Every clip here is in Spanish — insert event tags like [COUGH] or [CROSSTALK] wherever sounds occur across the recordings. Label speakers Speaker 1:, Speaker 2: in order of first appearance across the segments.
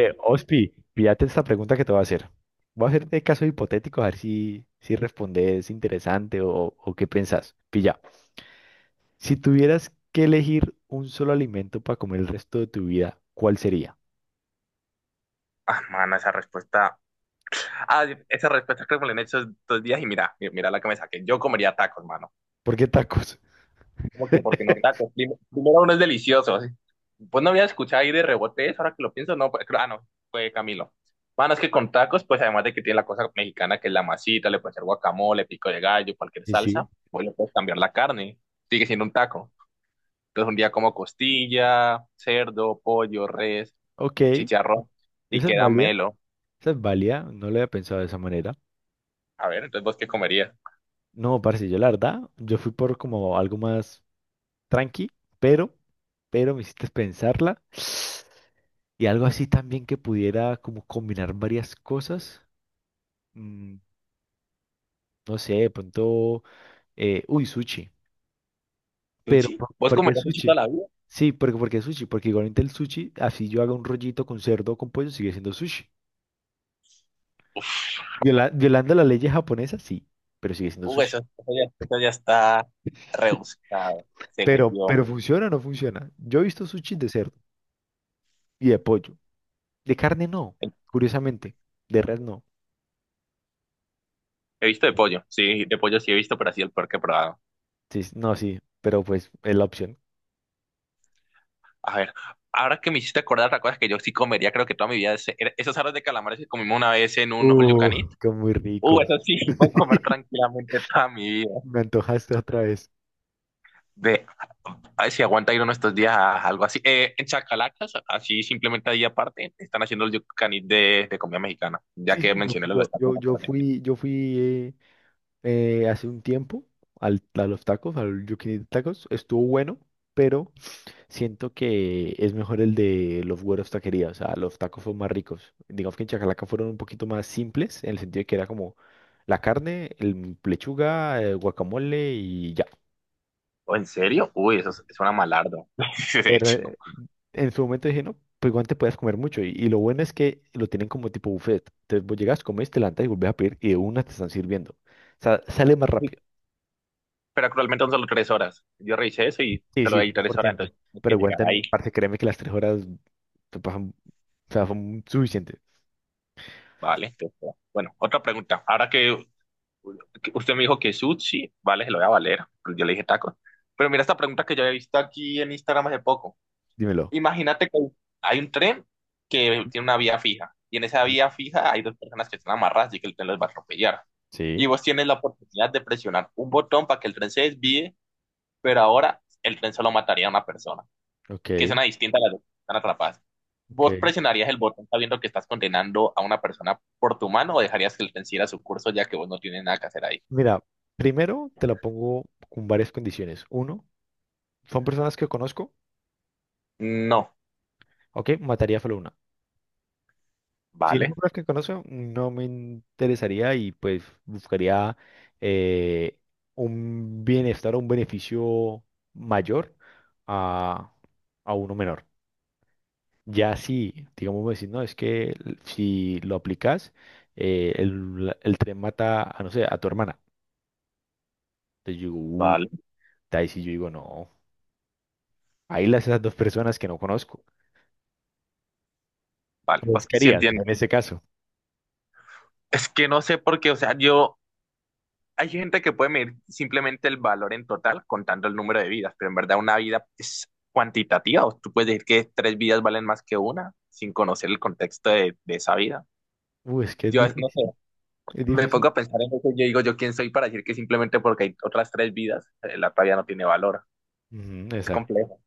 Speaker 1: Ospi, pídate esta pregunta que te voy a hacer. Voy a hacerte caso hipotético a ver si respondes interesante o qué pensás. Pilla, si tuvieras que elegir un solo alimento para comer el resto de tu vida, ¿cuál sería?
Speaker 2: Ah, mano, esa respuesta. Ah, esa respuesta creo que me la han hecho dos días y mira, mira la que me saqué. Yo comería tacos, mano.
Speaker 1: ¿Por qué tacos? [LAUGHS]
Speaker 2: ¿Cómo que porque no tacos? Primero uno es delicioso. Así. Pues no había escuchado ahí de rebote eso, ahora que lo pienso, no, pues, no, fue Camilo. Mano, es que con tacos, pues además de que tiene la cosa mexicana que es la masita, le puedes hacer guacamole, pico de gallo, cualquier
Speaker 1: Sí, sí.
Speaker 2: salsa, pues le puedes cambiar la carne. Sigue siendo un taco. Entonces un día como costilla, cerdo, pollo, res,
Speaker 1: Ok. Ok.
Speaker 2: chicharrón y
Speaker 1: Esa es
Speaker 2: queda
Speaker 1: válida.
Speaker 2: melo.
Speaker 1: Esa es válida. No lo había pensado de esa manera.
Speaker 2: A ver, entonces, ¿vos qué comerías?
Speaker 1: No, parce, yo la verdad, yo fui por como algo más tranqui, pero, pero me hiciste pensarla. Y algo así también que pudiera como combinar varias cosas. mm, no sé, de pronto, uy, sushi. Pero,
Speaker 2: ¿Sushi?
Speaker 1: ¿por
Speaker 2: ¿Vos
Speaker 1: por qué
Speaker 2: comerías sushi
Speaker 1: sushi?
Speaker 2: toda la vida?
Speaker 1: Sí, porque sushi, porque igualmente el sushi, así yo haga un rollito con cerdo o con pollo, sigue siendo sushi. Violando las leyes japonesas, sí, pero sigue siendo sushi.
Speaker 2: Eso ya está rebuscado, según
Speaker 1: Pero,
Speaker 2: yo.
Speaker 1: pero ¿funciona o no funciona? Yo he visto sushi de cerdo y de pollo. De carne no, curiosamente. De res no.
Speaker 2: He visto de pollo sí he visto, pero así el peor que he probado.
Speaker 1: Sí, no, sí, pero pues es la opción.
Speaker 2: A ver, ahora que me hiciste acordar otra cosa que yo sí comería, creo que toda mi vida, esos aros de calamares que comimos una vez en un all you can eat.
Speaker 1: Qué muy ricos.
Speaker 2: Eso sí, [LAUGHS] puedo comer
Speaker 1: [LAUGHS]
Speaker 2: tranquilamente toda mi vida.
Speaker 1: Me antojaste otra vez.
Speaker 2: De, a ver si aguanta ir uno estos días a algo así. En Chacalacas, así simplemente ahí aparte, están haciendo el you can eat de comida mexicana, ya
Speaker 1: Sí,
Speaker 2: que
Speaker 1: sí, yo,
Speaker 2: mencioné lo de
Speaker 1: yo,
Speaker 2: esta.
Speaker 1: yo, yo fui, yo fui hace un tiempo a los tacos, al Yukinito Tacos. Estuvo bueno, pero siento que es mejor el de los güeros taquería. O sea, los tacos son más ricos. Digamos que en Chacalaca fueron un poquito más simples, en el sentido de que era como la carne, el lechuga, guacamole y ya.
Speaker 2: ¿O en serio? Uy, una malardo. [LAUGHS] De
Speaker 1: Pero
Speaker 2: hecho.
Speaker 1: en su momento dije, no, pues igual te puedes comer mucho. Y lo bueno es que lo tienen como tipo buffet. Entonces vos llegas, comes, te levantas y volvés a pedir y de una te están sirviendo. O sea, sale más rápido.
Speaker 2: Pero actualmente son solo tres horas. Yo revisé eso y
Speaker 1: Sí,
Speaker 2: solo
Speaker 1: sí,
Speaker 2: hay
Speaker 1: fue
Speaker 2: tres
Speaker 1: por
Speaker 2: horas,
Speaker 1: tiempo.
Speaker 2: entonces tengo
Speaker 1: Pero
Speaker 2: que
Speaker 1: igual,
Speaker 2: llegar
Speaker 1: también,
Speaker 2: ahí.
Speaker 1: parce, créeme que las 3 horas te pasan, o sea, son suficientes.
Speaker 2: Vale, entonces, bueno, bueno, otra pregunta. Ahora que usted me dijo que sushi, vale, se lo voy a valer, pero yo le dije tacos. Pero mira esta pregunta que yo he visto aquí en Instagram hace poco.
Speaker 1: Dímelo.
Speaker 2: Imagínate que hay un tren que tiene una vía fija. Y en esa vía fija hay dos personas que están amarradas y que el tren los va a atropellar. Y
Speaker 1: Sí,
Speaker 2: vos tienes la oportunidad de presionar un botón para que el tren se desvíe, pero ahora el tren solo mataría a una persona, que es
Speaker 1: ok,
Speaker 2: una distinta a las dos que están atrapadas.
Speaker 1: ok.
Speaker 2: ¿Vos presionarías el botón sabiendo que estás condenando a una persona por tu mano o dejarías que el tren siguiera su curso ya que vos no tienes nada que hacer ahí?
Speaker 1: Mira, primero te la pongo con varias condiciones. Uno, son personas que conozco,
Speaker 2: No,
Speaker 1: ok, mataría solo una. Si es un
Speaker 2: vale,
Speaker 1: lugar que conozco, no me interesaría y pues buscaría eh, un bienestar o un beneficio mayor a, a uno menor. Ya si, digamos, decir, no, es que si lo aplicas, el tren mata a, no sé, a tu hermana. Entonces yo,
Speaker 2: vale,
Speaker 1: ahí sí yo digo, no, ahí las esas dos personas que no conozco.
Speaker 2: vale.
Speaker 1: ¿Cómo
Speaker 2: Pues sí
Speaker 1: buscarías
Speaker 2: entiendo.
Speaker 1: en ese caso?
Speaker 2: Es que no sé por qué, o sea, yo, hay gente que puede medir simplemente el valor en total contando el número de vidas, pero en verdad una vida es cuantitativa. O tú puedes decir que tres vidas valen más que una sin conocer el contexto de esa vida.
Speaker 1: Es que es
Speaker 2: Yo no sé.
Speaker 1: difícil, es
Speaker 2: Me pongo
Speaker 1: difícil.
Speaker 2: a pensar en eso y yo digo, ¿yo quién soy para decir que simplemente porque hay otras tres vidas, la talla no tiene valor?
Speaker 1: Ujú.
Speaker 2: Es complejo,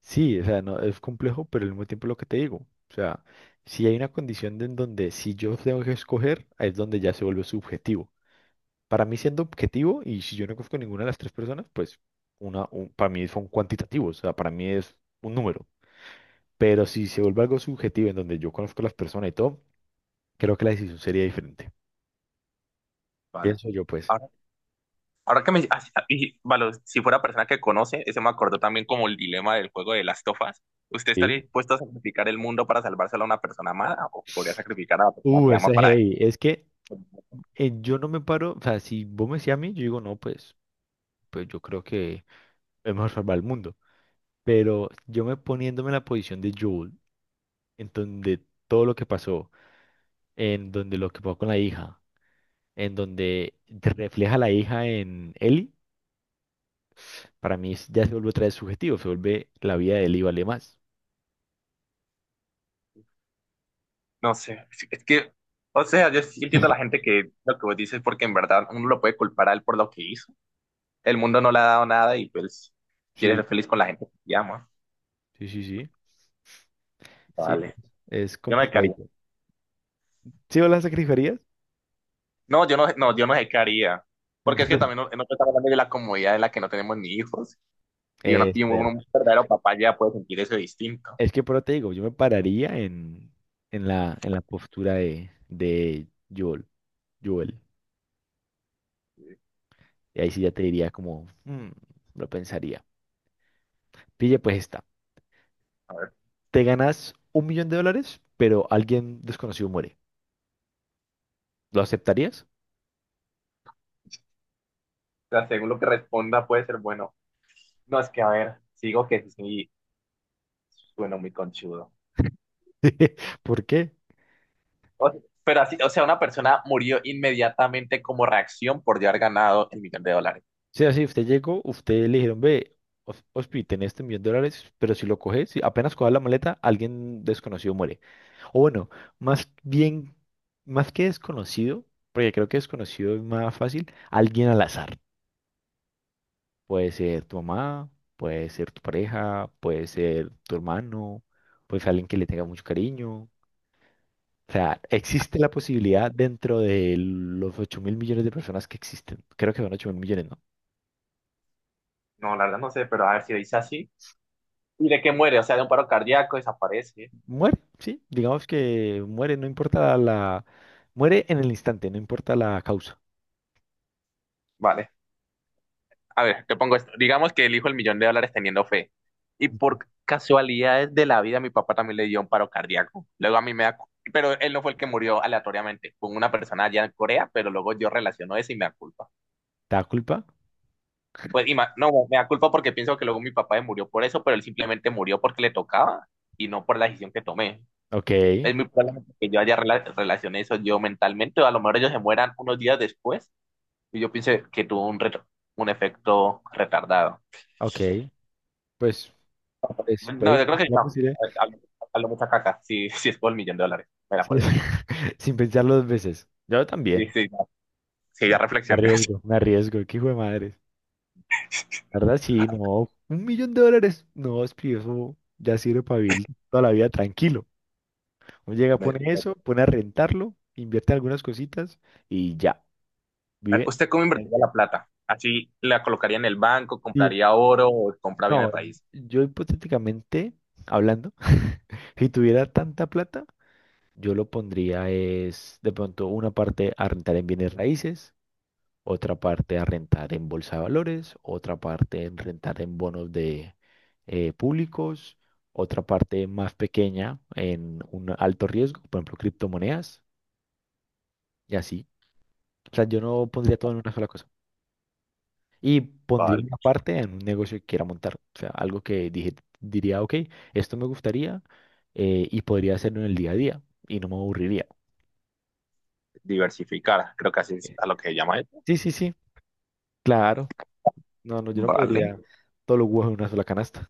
Speaker 1: Sí, o sea, no, es complejo, pero al mismo tiempo lo que te digo, o sea, si hay una condición de en donde si yo tengo que escoger, ahí es donde ya se vuelve subjetivo. Para mí siendo objetivo, y si yo no conozco ninguna de las tres personas, pues para mí son cuantitativos, o sea, para mí es un número. Pero si se vuelve algo subjetivo en donde yo conozco a las personas y todo, creo que la decisión sería diferente.
Speaker 2: ¿vale?
Speaker 1: Pienso yo, pues.
Speaker 2: Ahora, ahora que me... ah, sí, ah, y, vale, si fuera persona que conoce, ese me acordó también como el dilema del juego de las tofas. ¿Usted estaría
Speaker 1: Sí.
Speaker 2: dispuesto a sacrificar el mundo para salvárselo a una persona amada o podría sacrificar a la persona
Speaker 1: Uh,
Speaker 2: que
Speaker 1: ese
Speaker 2: ama
Speaker 1: es
Speaker 2: para...
Speaker 1: heavy. Es que yo no me paro, o sea, si vos me decís a mí, yo digo, no, pues yo creo que es mejor salvar el mundo. Pero yo me poniéndome en la posición de Joel, en donde todo lo que pasó, en donde lo que pasó con la hija, en donde te refleja la hija en Ellie, para mí ya se vuelve otra vez subjetivo, se vuelve la vida de Ellie vale más.
Speaker 2: No sé, es que... O sea, yo sí entiendo a la
Speaker 1: [LAUGHS]
Speaker 2: gente que lo que vos dices porque en verdad uno lo puede culpar a él por lo que hizo. El mundo no le ha dado nada y pues quiere
Speaker 1: Sí,
Speaker 2: ser feliz con la gente que ama.
Speaker 1: sí, sí, sí. Sí,
Speaker 2: Vale.
Speaker 1: es
Speaker 2: Yo no dejaría.
Speaker 1: complicadito. ¿Sí o las sacrificarías?
Speaker 2: No, yo no, no, yo no dejaría.
Speaker 1: [LAUGHS]
Speaker 2: Porque es que
Speaker 1: Entonces,
Speaker 2: también no, no estamos hablando de la comodidad en la que no tenemos ni hijos. Y, uno,
Speaker 1: espera.
Speaker 2: un verdadero papá ya puede sentir eso distinto.
Speaker 1: Es que por eso te digo, yo me pararía en la postura de Joel, Joel. Y ahí sí ya te diría como, "Mm, lo pensaría". Pille, pues está.
Speaker 2: A ver, o
Speaker 1: Te ganas $1 millón, pero alguien desconocido muere. ¿Lo aceptarías?
Speaker 2: sea, según lo que responda puede ser bueno. No, es que a ver, sigo que sí, bueno, muy conchudo.
Speaker 1: [LAUGHS] ¿Por qué?
Speaker 2: O- pero así, o sea, una persona murió inmediatamente como reacción por ya haber ganado el millón de dólares.
Speaker 1: O sea, si usted llegó, usted le dijeron, ve, Ospi, tenés este millón de dólares, pero si lo coges, si apenas coges la maleta, alguien desconocido muere. O bueno, más bien, más que desconocido, porque creo que desconocido es más fácil, alguien al azar. Puede ser tu mamá, puede ser tu pareja, puede ser tu hermano, puede ser alguien que le tenga mucho cariño. O sea, existe la posibilidad dentro de los 8.000 millones de personas que existen. Creo que son 8.000 millones, ¿no?
Speaker 2: No, la verdad no sé, pero a ver si dice así. ¿Y de qué muere? O sea, de un paro cardíaco, desaparece.
Speaker 1: Muere, sí. Digamos que muere, no importa la. Muere en el instante, no importa la causa.
Speaker 2: Vale. A ver, te pongo esto. Digamos que elijo el millón de dólares teniendo fe. Y
Speaker 1: Ujú.
Speaker 2: por casualidades de la vida, mi papá también le dio un paro cardíaco. Luego a mí me da... pero él no fue el que murió aleatoriamente. Fue una persona allá en Corea, pero luego yo relaciono eso y me da culpa.
Speaker 1: ¿Te da culpa?
Speaker 2: Pues y no, me da culpa porque pienso que luego mi papá se murió por eso, pero él simplemente murió porque le tocaba y no por la decisión que tomé.
Speaker 1: Ok,
Speaker 2: Es muy probable que yo haya relacioné eso yo mentalmente, o a lo mejor ellos se mueran unos días después y yo piense que tuvo un, un efecto retardado.
Speaker 1: ok. Pues, pues puede
Speaker 2: No, yo creo
Speaker 1: existir
Speaker 2: que
Speaker 1: la
Speaker 2: no.
Speaker 1: posibilidad
Speaker 2: Hablo mucha caca. Si es por el millón de dólares, me la
Speaker 1: sí,
Speaker 2: juego.
Speaker 1: [LAUGHS] sin pensarlo dos veces. Yo
Speaker 2: Sí,
Speaker 1: también.
Speaker 2: sí, no. Sí,
Speaker 1: Ya,
Speaker 2: ya reflexioné. [LAUGHS]
Speaker 1: arriesgo, me arriesgo. Qué hijo de madre. La verdad, sí, no. $1 millón. No, es que eso ya sirve para vivir toda la vida tranquilo. Uno llega,
Speaker 2: Me-
Speaker 1: pone
Speaker 2: me-
Speaker 1: eso, pone a rentarlo, invierte algunas cositas y ya, vive.
Speaker 2: ¿usted cómo invertiría la plata? ¿Así la colocaría en el banco,
Speaker 1: Sí,
Speaker 2: compraría oro o compra bienes
Speaker 1: no,
Speaker 2: raíces?
Speaker 1: yo hipotéticamente hablando, [LAUGHS] si tuviera tanta plata, yo lo pondría es de pronto una parte a rentar en bienes raíces, otra parte a rentar en bolsa de valores, otra parte en rentar en bonos de públicos, otra parte más pequeña en un alto riesgo, por ejemplo, criptomonedas y así. O sea, yo no pondría todo en una sola cosa. Y pondría
Speaker 2: Vale.
Speaker 1: una parte en un negocio que quiera montar. O sea, algo que dije, diría, ok, esto me gustaría y podría hacerlo en el día a día y no me aburriría.
Speaker 2: Diversificar, creo que así es a lo que llama él.
Speaker 1: Sí, sí, sí, claro. No, no, yo no
Speaker 2: Vale.
Speaker 1: podría todos los huevos en una sola canasta.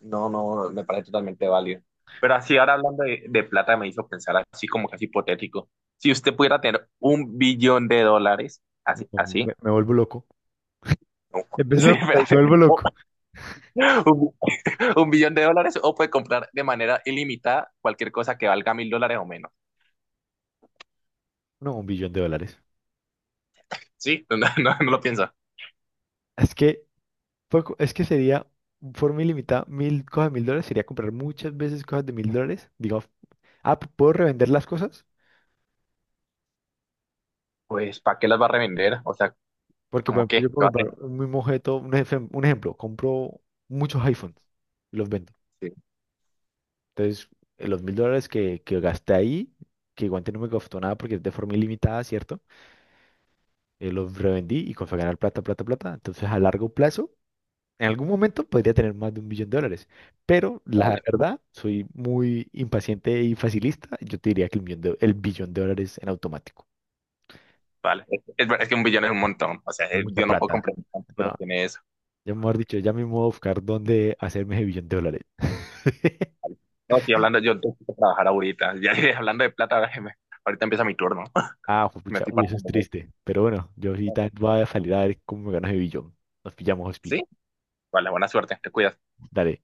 Speaker 2: No, no, me parece totalmente válido. Pero así ahora hablando de plata me hizo pensar así como casi hipotético. Si usted pudiera tener un billón de dólares,
Speaker 1: No,
Speaker 2: así, así.
Speaker 1: me vuelvo loco.
Speaker 2: No. [LAUGHS] Sí,
Speaker 1: Empezó por ahí,
Speaker 2: espérate.
Speaker 1: me vuelvo loco.
Speaker 2: Un billón de dólares o puede comprar de manera ilimitada cualquier cosa que valga mil dólares o menos.
Speaker 1: No, $1 billón.
Speaker 2: Sí, [LAUGHS] no, no, no lo piensa.
Speaker 1: Es que, es que sería, forma ilimitada, mil cosas de $1.000, sería comprar muchas veces cosas de $1.000. Digo, ah, ¿puedo revender las cosas?
Speaker 2: Pues, ¿para qué las va a revender? O sea,
Speaker 1: Porque, por
Speaker 2: ¿cómo
Speaker 1: ejemplo,
Speaker 2: qué?
Speaker 1: yo
Speaker 2: ¿Qué
Speaker 1: puedo
Speaker 2: va a
Speaker 1: comprar
Speaker 2: revender?
Speaker 1: un mismo objeto, un ejemplo, compro muchos iPhones y los vendo.
Speaker 2: Sí,
Speaker 1: Entonces, los $1.000 que gasté ahí, que igual no me costó nada porque es de forma ilimitada, ¿cierto? Los revendí y comencé a ganar plata, plata, plata. Entonces, a largo plazo, en algún momento podría tener más de $1 millón. Pero la
Speaker 2: vale,
Speaker 1: verdad, soy muy impaciente y facilista. Yo te diría que el el $1 billón en automático.
Speaker 2: vale. Es que un billón es un montón. O sea,
Speaker 1: Es mucha
Speaker 2: yo no puedo
Speaker 1: plata.
Speaker 2: comprar tanto,
Speaker 1: No,
Speaker 2: pero tiene eso.
Speaker 1: ya mejor dicho, ya mismo voy a buscar dónde hacerme ese $1 billón. [LAUGHS]
Speaker 2: No, estoy hablando, yo tengo que trabajar ahorita. Ya [LAUGHS] hablando de plata, [LAUGHS] ahorita empieza mi turno.
Speaker 1: Ah, pues,
Speaker 2: [LAUGHS] Me
Speaker 1: pucha,
Speaker 2: estoy
Speaker 1: uy, eso es
Speaker 2: partiendo.
Speaker 1: triste. Pero bueno, yo sí también voy a salir a ver cómo me gana ese billón. Nos pillamos, Hospi.
Speaker 2: Sí, vale, buena suerte, te cuidas.
Speaker 1: Dale.